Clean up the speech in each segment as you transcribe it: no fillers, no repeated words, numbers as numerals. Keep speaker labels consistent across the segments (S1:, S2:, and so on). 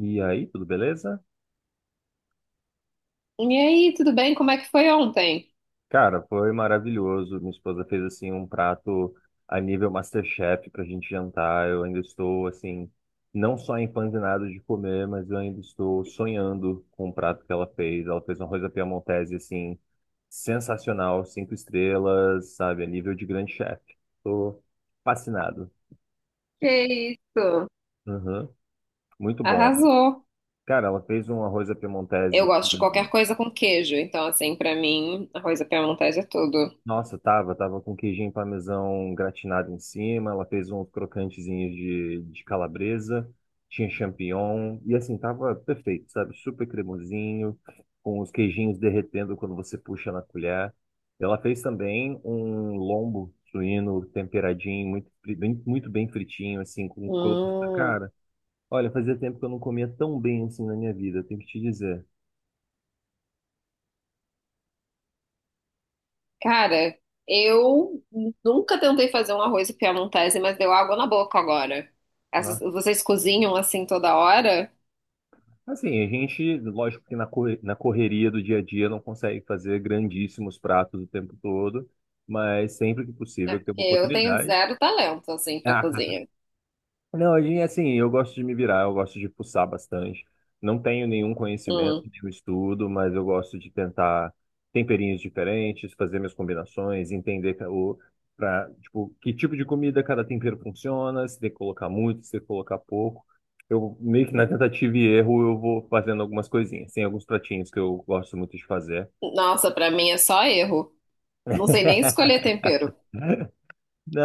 S1: E aí, tudo beleza?
S2: E aí, tudo bem? Como é que foi ontem?
S1: Cara, foi maravilhoso. Minha esposa fez assim um prato a nível MasterChef pra gente jantar. Eu ainda estou assim, não só empanzinado de comer, mas eu ainda estou sonhando com o prato que ela fez. Ela fez uma coisa piemontese assim sensacional, cinco estrelas, sabe, a nível de grande chefe. Tô fascinado.
S2: Que isso?
S1: Uhum. Muito bom.
S2: Arrasou.
S1: Cara, ela fez um arroz à
S2: Eu
S1: piemontese com...
S2: gosto de qualquer coisa com queijo, então assim, pra mim, arroz à piemontese é tudo.
S1: Nossa, tava com queijinho parmesão gratinado em cima, ela fez uns crocantezinhos de calabresa, tinha champignon, e assim, tava perfeito, sabe? Super cremosinho, com os queijinhos derretendo quando você puxa na colher. Ela fez também um lombo suíno temperadinho, muito, muito bem fritinho, assim, com crosta.
S2: Hum.
S1: Cara, olha, fazia tempo que eu não comia tão bem assim na minha vida, tenho que te dizer.
S2: Cara, eu nunca tentei fazer um arroz à piemontese, mas deu água na boca agora. Vocês cozinham assim toda hora?
S1: Assim, a gente, lógico que na correria do dia a dia não consegue fazer grandíssimos pratos o tempo todo, mas sempre que
S2: É
S1: possível que tem uma
S2: porque eu tenho
S1: oportunidade.
S2: zero talento assim pra cozinha.
S1: Não, e assim, eu gosto de me virar, eu gosto de fuçar bastante. Não tenho nenhum conhecimento,
S2: Hum.
S1: nenhum estudo, mas eu gosto de tentar temperinhos diferentes, fazer minhas combinações, pra, tipo, que tipo de comida cada tempero funciona, se tem que colocar muito, se tem que colocar pouco. Eu meio que na tentativa e erro eu vou fazendo algumas coisinhas. Tem alguns pratinhos que eu gosto muito de fazer.
S2: Nossa, pra mim é só erro. Não sei nem escolher tempero.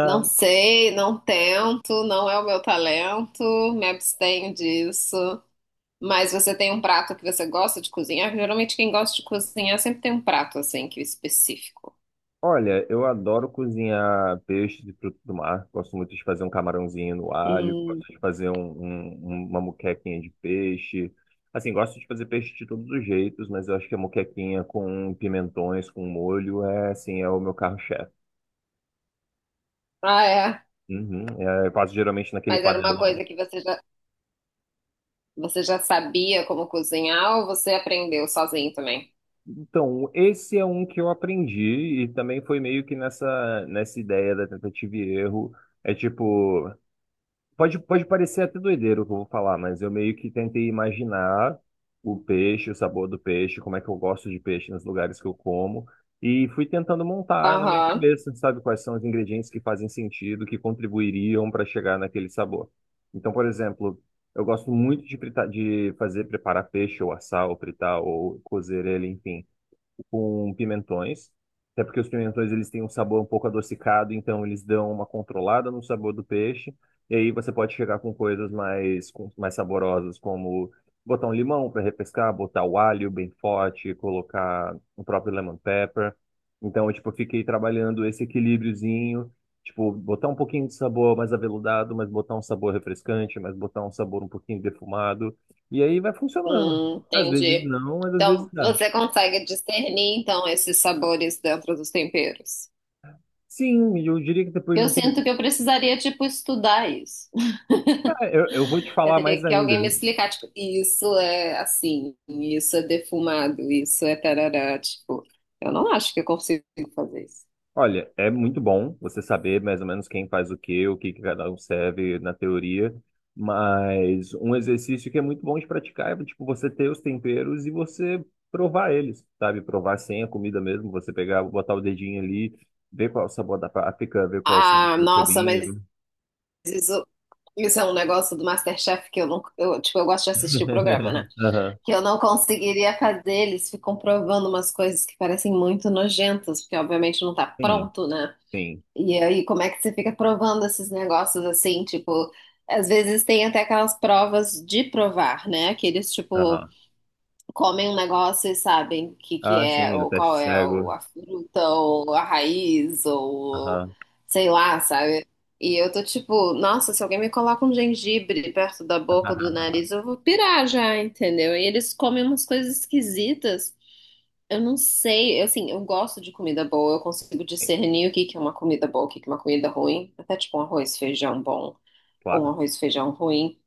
S2: Não sei, não tento, não é o meu talento, me abstenho disso. Mas você tem um prato que você gosta de cozinhar? Geralmente quem gosta de cozinhar sempre tem um prato assim que é específico.
S1: olha, eu adoro cozinhar peixes e frutos do mar. Gosto muito de fazer um camarãozinho no alho,
S2: Hum.
S1: gosto de fazer uma moquequinha de peixe. Assim, gosto de fazer peixe de todos os jeitos, mas eu acho que a moquequinha com pimentões, com molho, é assim, é o meu carro-chefe.
S2: Ah, é.
S1: Uhum, é, eu faço geralmente naquele
S2: Mas era uma
S1: panelão.
S2: coisa que você já sabia como cozinhar ou você aprendeu sozinho também?
S1: Então, esse é um que eu aprendi e também foi meio que nessa ideia da tentativa e erro. É tipo, pode, pode parecer até doideiro o que eu vou falar, mas eu meio que tentei imaginar o peixe, o sabor do peixe, como é que eu gosto de peixe nos lugares que eu como, e fui tentando montar na minha
S2: Aham.
S1: cabeça, sabe, quais são os ingredientes que fazem sentido, que contribuiriam para chegar naquele sabor. Então, por exemplo, eu gosto muito de fritar, de fazer, preparar peixe, ou assar, ou fritar, ou cozer ele, enfim, com pimentões, até porque os pimentões eles têm um sabor um pouco adocicado, então eles dão uma controlada no sabor do peixe. E aí você pode chegar com mais saborosas, como botar um limão para repescar, botar o alho bem forte, colocar o próprio lemon pepper. Então, eu, tipo, fiquei trabalhando esse equilíbriozinho, tipo, botar um pouquinho de sabor mais aveludado, mas botar um sabor refrescante, mas botar um sabor um pouquinho defumado. E aí vai funcionando. Às vezes
S2: Entendi.
S1: não, mas às vezes
S2: Então,
S1: dá.
S2: você consegue discernir, então, esses sabores dentro dos temperos.
S1: Sim, eu diria que depois de
S2: Eu
S1: um tempo.
S2: sinto que eu precisaria, tipo, estudar isso.
S1: Ah, eu vou te
S2: Eu
S1: falar
S2: teria
S1: mais
S2: que
S1: ainda.
S2: alguém me explicar, tipo, isso é assim, isso é defumado, isso é tarará, tipo, eu não acho que eu consigo fazer isso.
S1: Olha, é muito bom você saber mais ou menos quem faz o quê, o que que cada um serve na teoria, mas um exercício que é muito bom de praticar é tipo você ter os temperos e você provar eles, sabe? Provar sem a comida mesmo, você pegar, botar o dedinho ali, ver qual é o sabor da páprica, ver qual é o sabor
S2: Ah,
S1: do
S2: nossa, mas
S1: cominho.
S2: isso, isso é um negócio do MasterChef que eu não, eu, tipo, eu gosto de assistir o programa, né?
S1: Aham,
S2: Que eu não conseguiria fazer, eles ficam provando umas coisas que parecem muito nojentas, porque obviamente não tá
S1: sim,
S2: pronto, né?
S1: sim.
S2: E aí, como é que você fica provando esses negócios assim, tipo, às vezes tem até aquelas provas de provar, né? Aqueles, tipo,
S1: Aham.
S2: comem um negócio e sabem o que, que
S1: Ah,
S2: é,
S1: sim, o
S2: ou
S1: teste
S2: qual é
S1: cego.
S2: a fruta, ou a raiz, ou
S1: Aham.
S2: sei lá, sabe? E eu tô tipo, nossa, se alguém me coloca um gengibre perto da boca ou do nariz, eu vou pirar já, entendeu? E eles comem umas coisas esquisitas. Eu não sei, eu, assim, eu gosto de comida boa, eu consigo
S1: Sim,
S2: discernir o que que é uma comida boa, o que que é uma comida ruim, até tipo um arroz e feijão bom ou um
S1: claro.
S2: arroz e feijão ruim.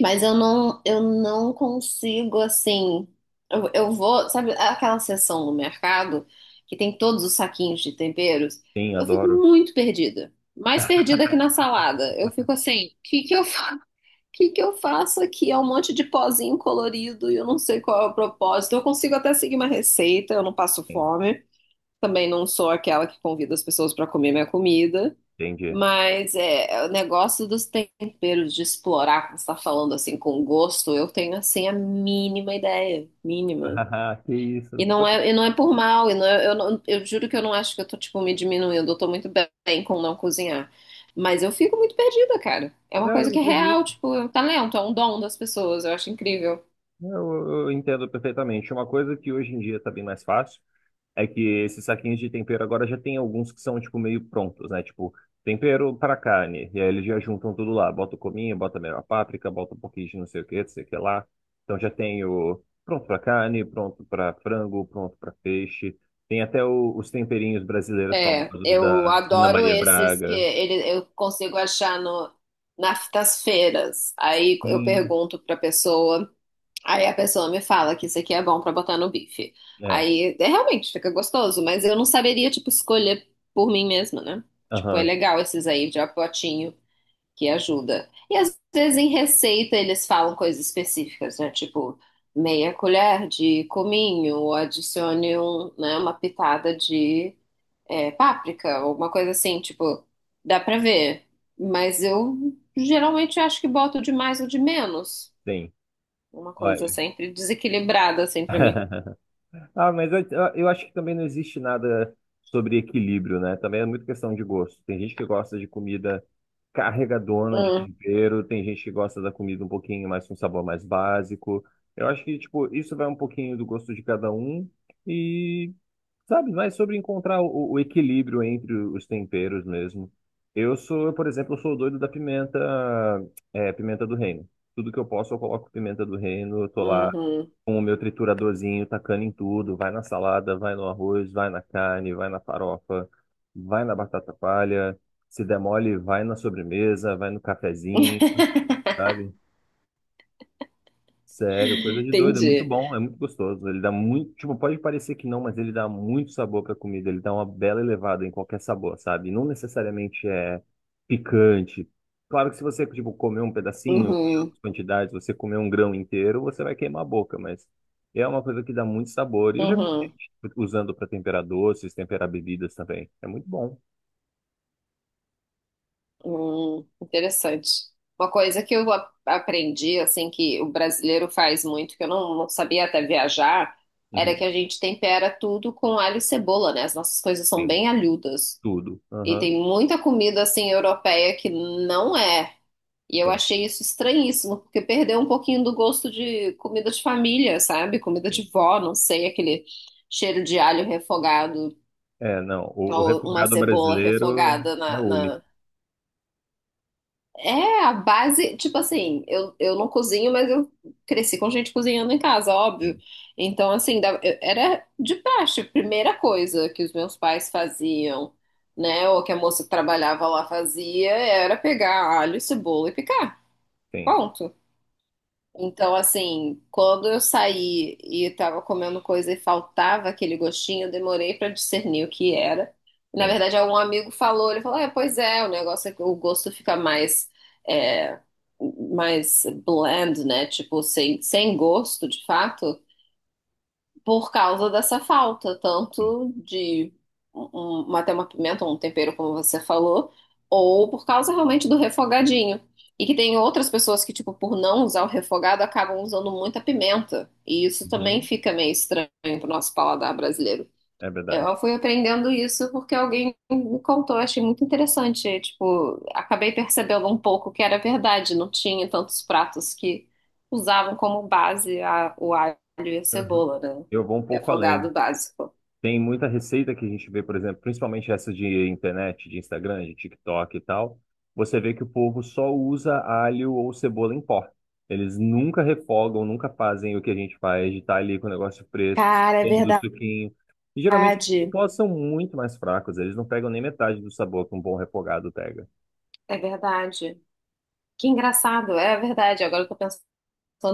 S2: Mas eu não consigo, assim. Eu vou, sabe, aquela seção no mercado que tem todos os saquinhos de temperos,
S1: Sim,
S2: eu fico
S1: adoro.
S2: muito perdida. Mais perdida que na salada. Eu fico assim, o que que eu, que eu faço aqui? É um monte de pozinho colorido e eu não sei qual é o propósito. Eu consigo até seguir uma receita, eu não passo
S1: Sim,
S2: fome. Também não sou aquela que convida as pessoas para comer minha comida.
S1: entendi.
S2: Mas é, o negócio dos temperos, de explorar, como você está falando assim, com gosto, eu tenho assim a mínima ideia, mínima.
S1: Que
S2: E
S1: isso.
S2: não é por mal, eu juro que eu não acho que eu tô tipo me diminuindo, eu tô muito bem com não cozinhar. Mas eu fico muito perdida, cara. É uma
S1: Não, eu
S2: coisa
S1: não
S2: que é
S1: acredito.
S2: real, tipo, é um talento, é um dom das pessoas, eu acho incrível.
S1: Eu entendo perfeitamente. Uma coisa que hoje em dia tá bem mais fácil é que esses saquinhos de tempero agora já tem alguns que são, tipo, meio prontos, né? Tipo, tempero para carne. E aí eles já juntam tudo lá. Bota o cominho, bota meio a páprica, bota um pouquinho de não sei o que, não sei o que lá. Então já tem o pronto para carne, pronto para frango, pronto para peixe. Tem até os temperinhos brasileiros
S2: É,
S1: famosos
S2: eu
S1: da Ana
S2: adoro
S1: Maria
S2: esses que
S1: Braga.
S2: ele, eu consigo achar no, nas nas feiras. Aí eu
S1: Sim,
S2: pergunto pra pessoa. Aí a pessoa me fala que isso aqui é bom pra botar no bife.
S1: é.
S2: Aí é, realmente fica gostoso, mas eu não saberia, tipo, escolher por mim mesma, né? Tipo, é
S1: Aham.
S2: legal esses aí de apotinho que ajuda. E às vezes em receita eles falam coisas específicas, né? Tipo, meia colher de cominho, ou adicione um, né, uma pitada de páprica, alguma coisa assim, tipo, dá pra ver. Mas eu geralmente acho que boto de mais ou de menos.
S1: Sim,
S2: Uma coisa
S1: olha.
S2: sempre desequilibrada, assim, pra mim.
S1: Ah, mas eu acho que também não existe nada sobre equilíbrio, né? Também é muito questão de gosto. Tem gente que gosta de comida carregadona de
S2: Hum,
S1: tempero, tem gente que gosta da comida um pouquinho mais com sabor mais básico. Eu acho que, tipo, isso vai um pouquinho do gosto de cada um e, sabe, mais sobre encontrar o equilíbrio entre os temperos mesmo. Eu sou, por exemplo, eu sou o doido da pimenta, é, pimenta do reino. Tudo que eu posso, eu coloco pimenta do reino, eu tô lá
S2: uhum,
S1: com o meu trituradorzinho, tacando em tudo, vai na salada, vai no arroz, vai na carne, vai na farofa, vai na batata palha, se der mole, vai na sobremesa, vai no cafezinho, sabe? Sério, coisa de doido, é muito
S2: entendi.
S1: bom, é muito gostoso. Ele dá muito, tipo, pode parecer que não, mas ele dá muito sabor pra comida, ele dá uma bela elevada em qualquer sabor, sabe? Não necessariamente é picante. Claro que se você, tipo, comer um pedacinho em
S2: Uhum,
S1: altas quantidades, você comer um grão inteiro, você vai queimar a boca, mas é uma coisa que dá muito sabor. E eu já vi
S2: uhum,
S1: gente usando pra temperar doces, temperar bebidas também. É muito bom.
S2: interessante. Uma coisa que eu aprendi, assim, que o brasileiro faz muito, que eu não sabia até viajar, era que
S1: Uhum.
S2: a gente tempera tudo com alho e cebola, né? As nossas coisas são
S1: Tem
S2: bem alhudas.
S1: tudo.
S2: E
S1: Aham.
S2: tem muita comida, assim, europeia que não é. E eu
S1: Tem,
S2: achei isso estranhíssimo, porque perdeu um pouquinho do gosto de comida de família, sabe? Comida
S1: tem.
S2: de vó, não sei, aquele cheiro de alho refogado
S1: É, não, o
S2: ou uma
S1: refogado
S2: cebola
S1: brasileiro
S2: refogada
S1: é
S2: na,
S1: único.
S2: na- É, a base, tipo assim, eu não cozinho, mas eu cresci com gente cozinhando em casa, óbvio.
S1: Sim,
S2: Então, assim, era de praxe, a primeira coisa que os meus pais faziam, né? Ou que a moça que trabalhava lá fazia, era pegar alho, cebola e picar.
S1: tem.
S2: Ponto. Então, assim, quando eu saí e estava comendo coisa e faltava aquele gostinho, eu demorei para discernir o que era. Na
S1: Tem.
S2: verdade, algum amigo falou, ele falou, é, pois é, o negócio é que o gosto fica é, mais bland, né? Tipo, sem gosto, de fato por causa dessa falta, tanto de uma, até uma pimenta, um tempero, como você falou, ou por causa realmente do refogadinho. E que tem outras pessoas que, tipo, por não usar o refogado, acabam usando muita pimenta. E isso também
S1: Uhum,
S2: fica meio estranho pro nosso paladar brasileiro.
S1: é verdade.
S2: Eu fui aprendendo isso porque alguém me contou, achei muito interessante. Tipo, acabei percebendo um pouco que era verdade, não tinha tantos pratos que usavam como base o alho e a
S1: Uhum.
S2: cebola, né?
S1: Eu
S2: O
S1: vou um pouco além.
S2: refogado básico.
S1: Tem muita receita que a gente vê, por exemplo, principalmente essa de internet, de Instagram, de TikTok e tal. Você vê que o povo só usa alho ou cebola em pó. Eles nunca refogam, nunca fazem o que a gente faz, de estar ali com o negócio fresco,
S2: Cara, é
S1: todo o suquinho. E geralmente os
S2: verdade.
S1: pós são muito mais fracos, eles não pegam nem metade do sabor que um bom refogado pega.
S2: É verdade. Que engraçado, é verdade. Agora eu tô pensando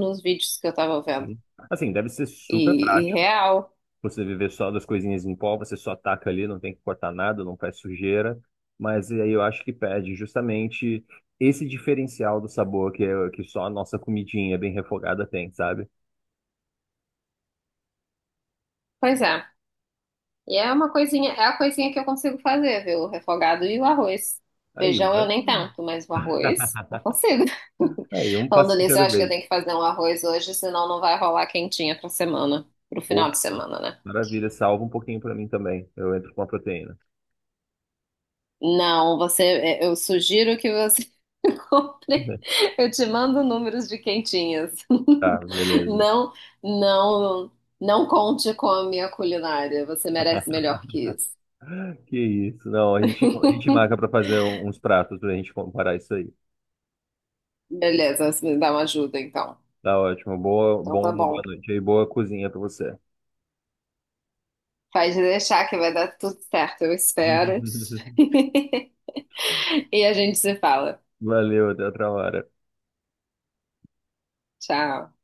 S2: nos vídeos que eu tava vendo.
S1: Sim. Assim, deve ser super
S2: E
S1: prático,
S2: real.
S1: você viver só das coisinhas em pó, você só ataca ali, não tem que cortar nada, não faz sujeira. Mas aí eu acho que pede justamente esse diferencial do sabor que só a nossa comidinha bem refogada tem, sabe?
S2: Pois é. E é uma coisinha, é a coisinha que eu consigo fazer, viu? O refogado e o arroz.
S1: Aí,
S2: Feijão eu nem
S1: maravilha.
S2: tanto, mas o arroz eu consigo.
S1: Aí, um
S2: Falando
S1: passo de
S2: nisso, eu
S1: cada
S2: acho que eu
S1: vez.
S2: tenho que fazer um arroz hoje, senão não vai rolar quentinha pra semana, pro
S1: Ou,
S2: final de semana, né?
S1: maravilha, salva um pouquinho pra mim também. Eu entro com a proteína.
S2: Não, eu sugiro que você compre. Eu te mando números de quentinhas.
S1: Tá, beleza.
S2: Não, não, não conte com a minha culinária. Você merece melhor que isso.
S1: Que isso. Não, a gente marca pra uns pratos pra gente comparar isso aí.
S2: Beleza, você me dá uma ajuda então.
S1: Tá ótimo. Boa,
S2: Então
S1: bom,
S2: tá
S1: boa
S2: bom.
S1: noite aí. Boa cozinha pra você.
S2: Pode deixar que vai dar tudo certo, eu espero. E a gente se fala.
S1: Valeu, até outra hora.
S2: Tchau.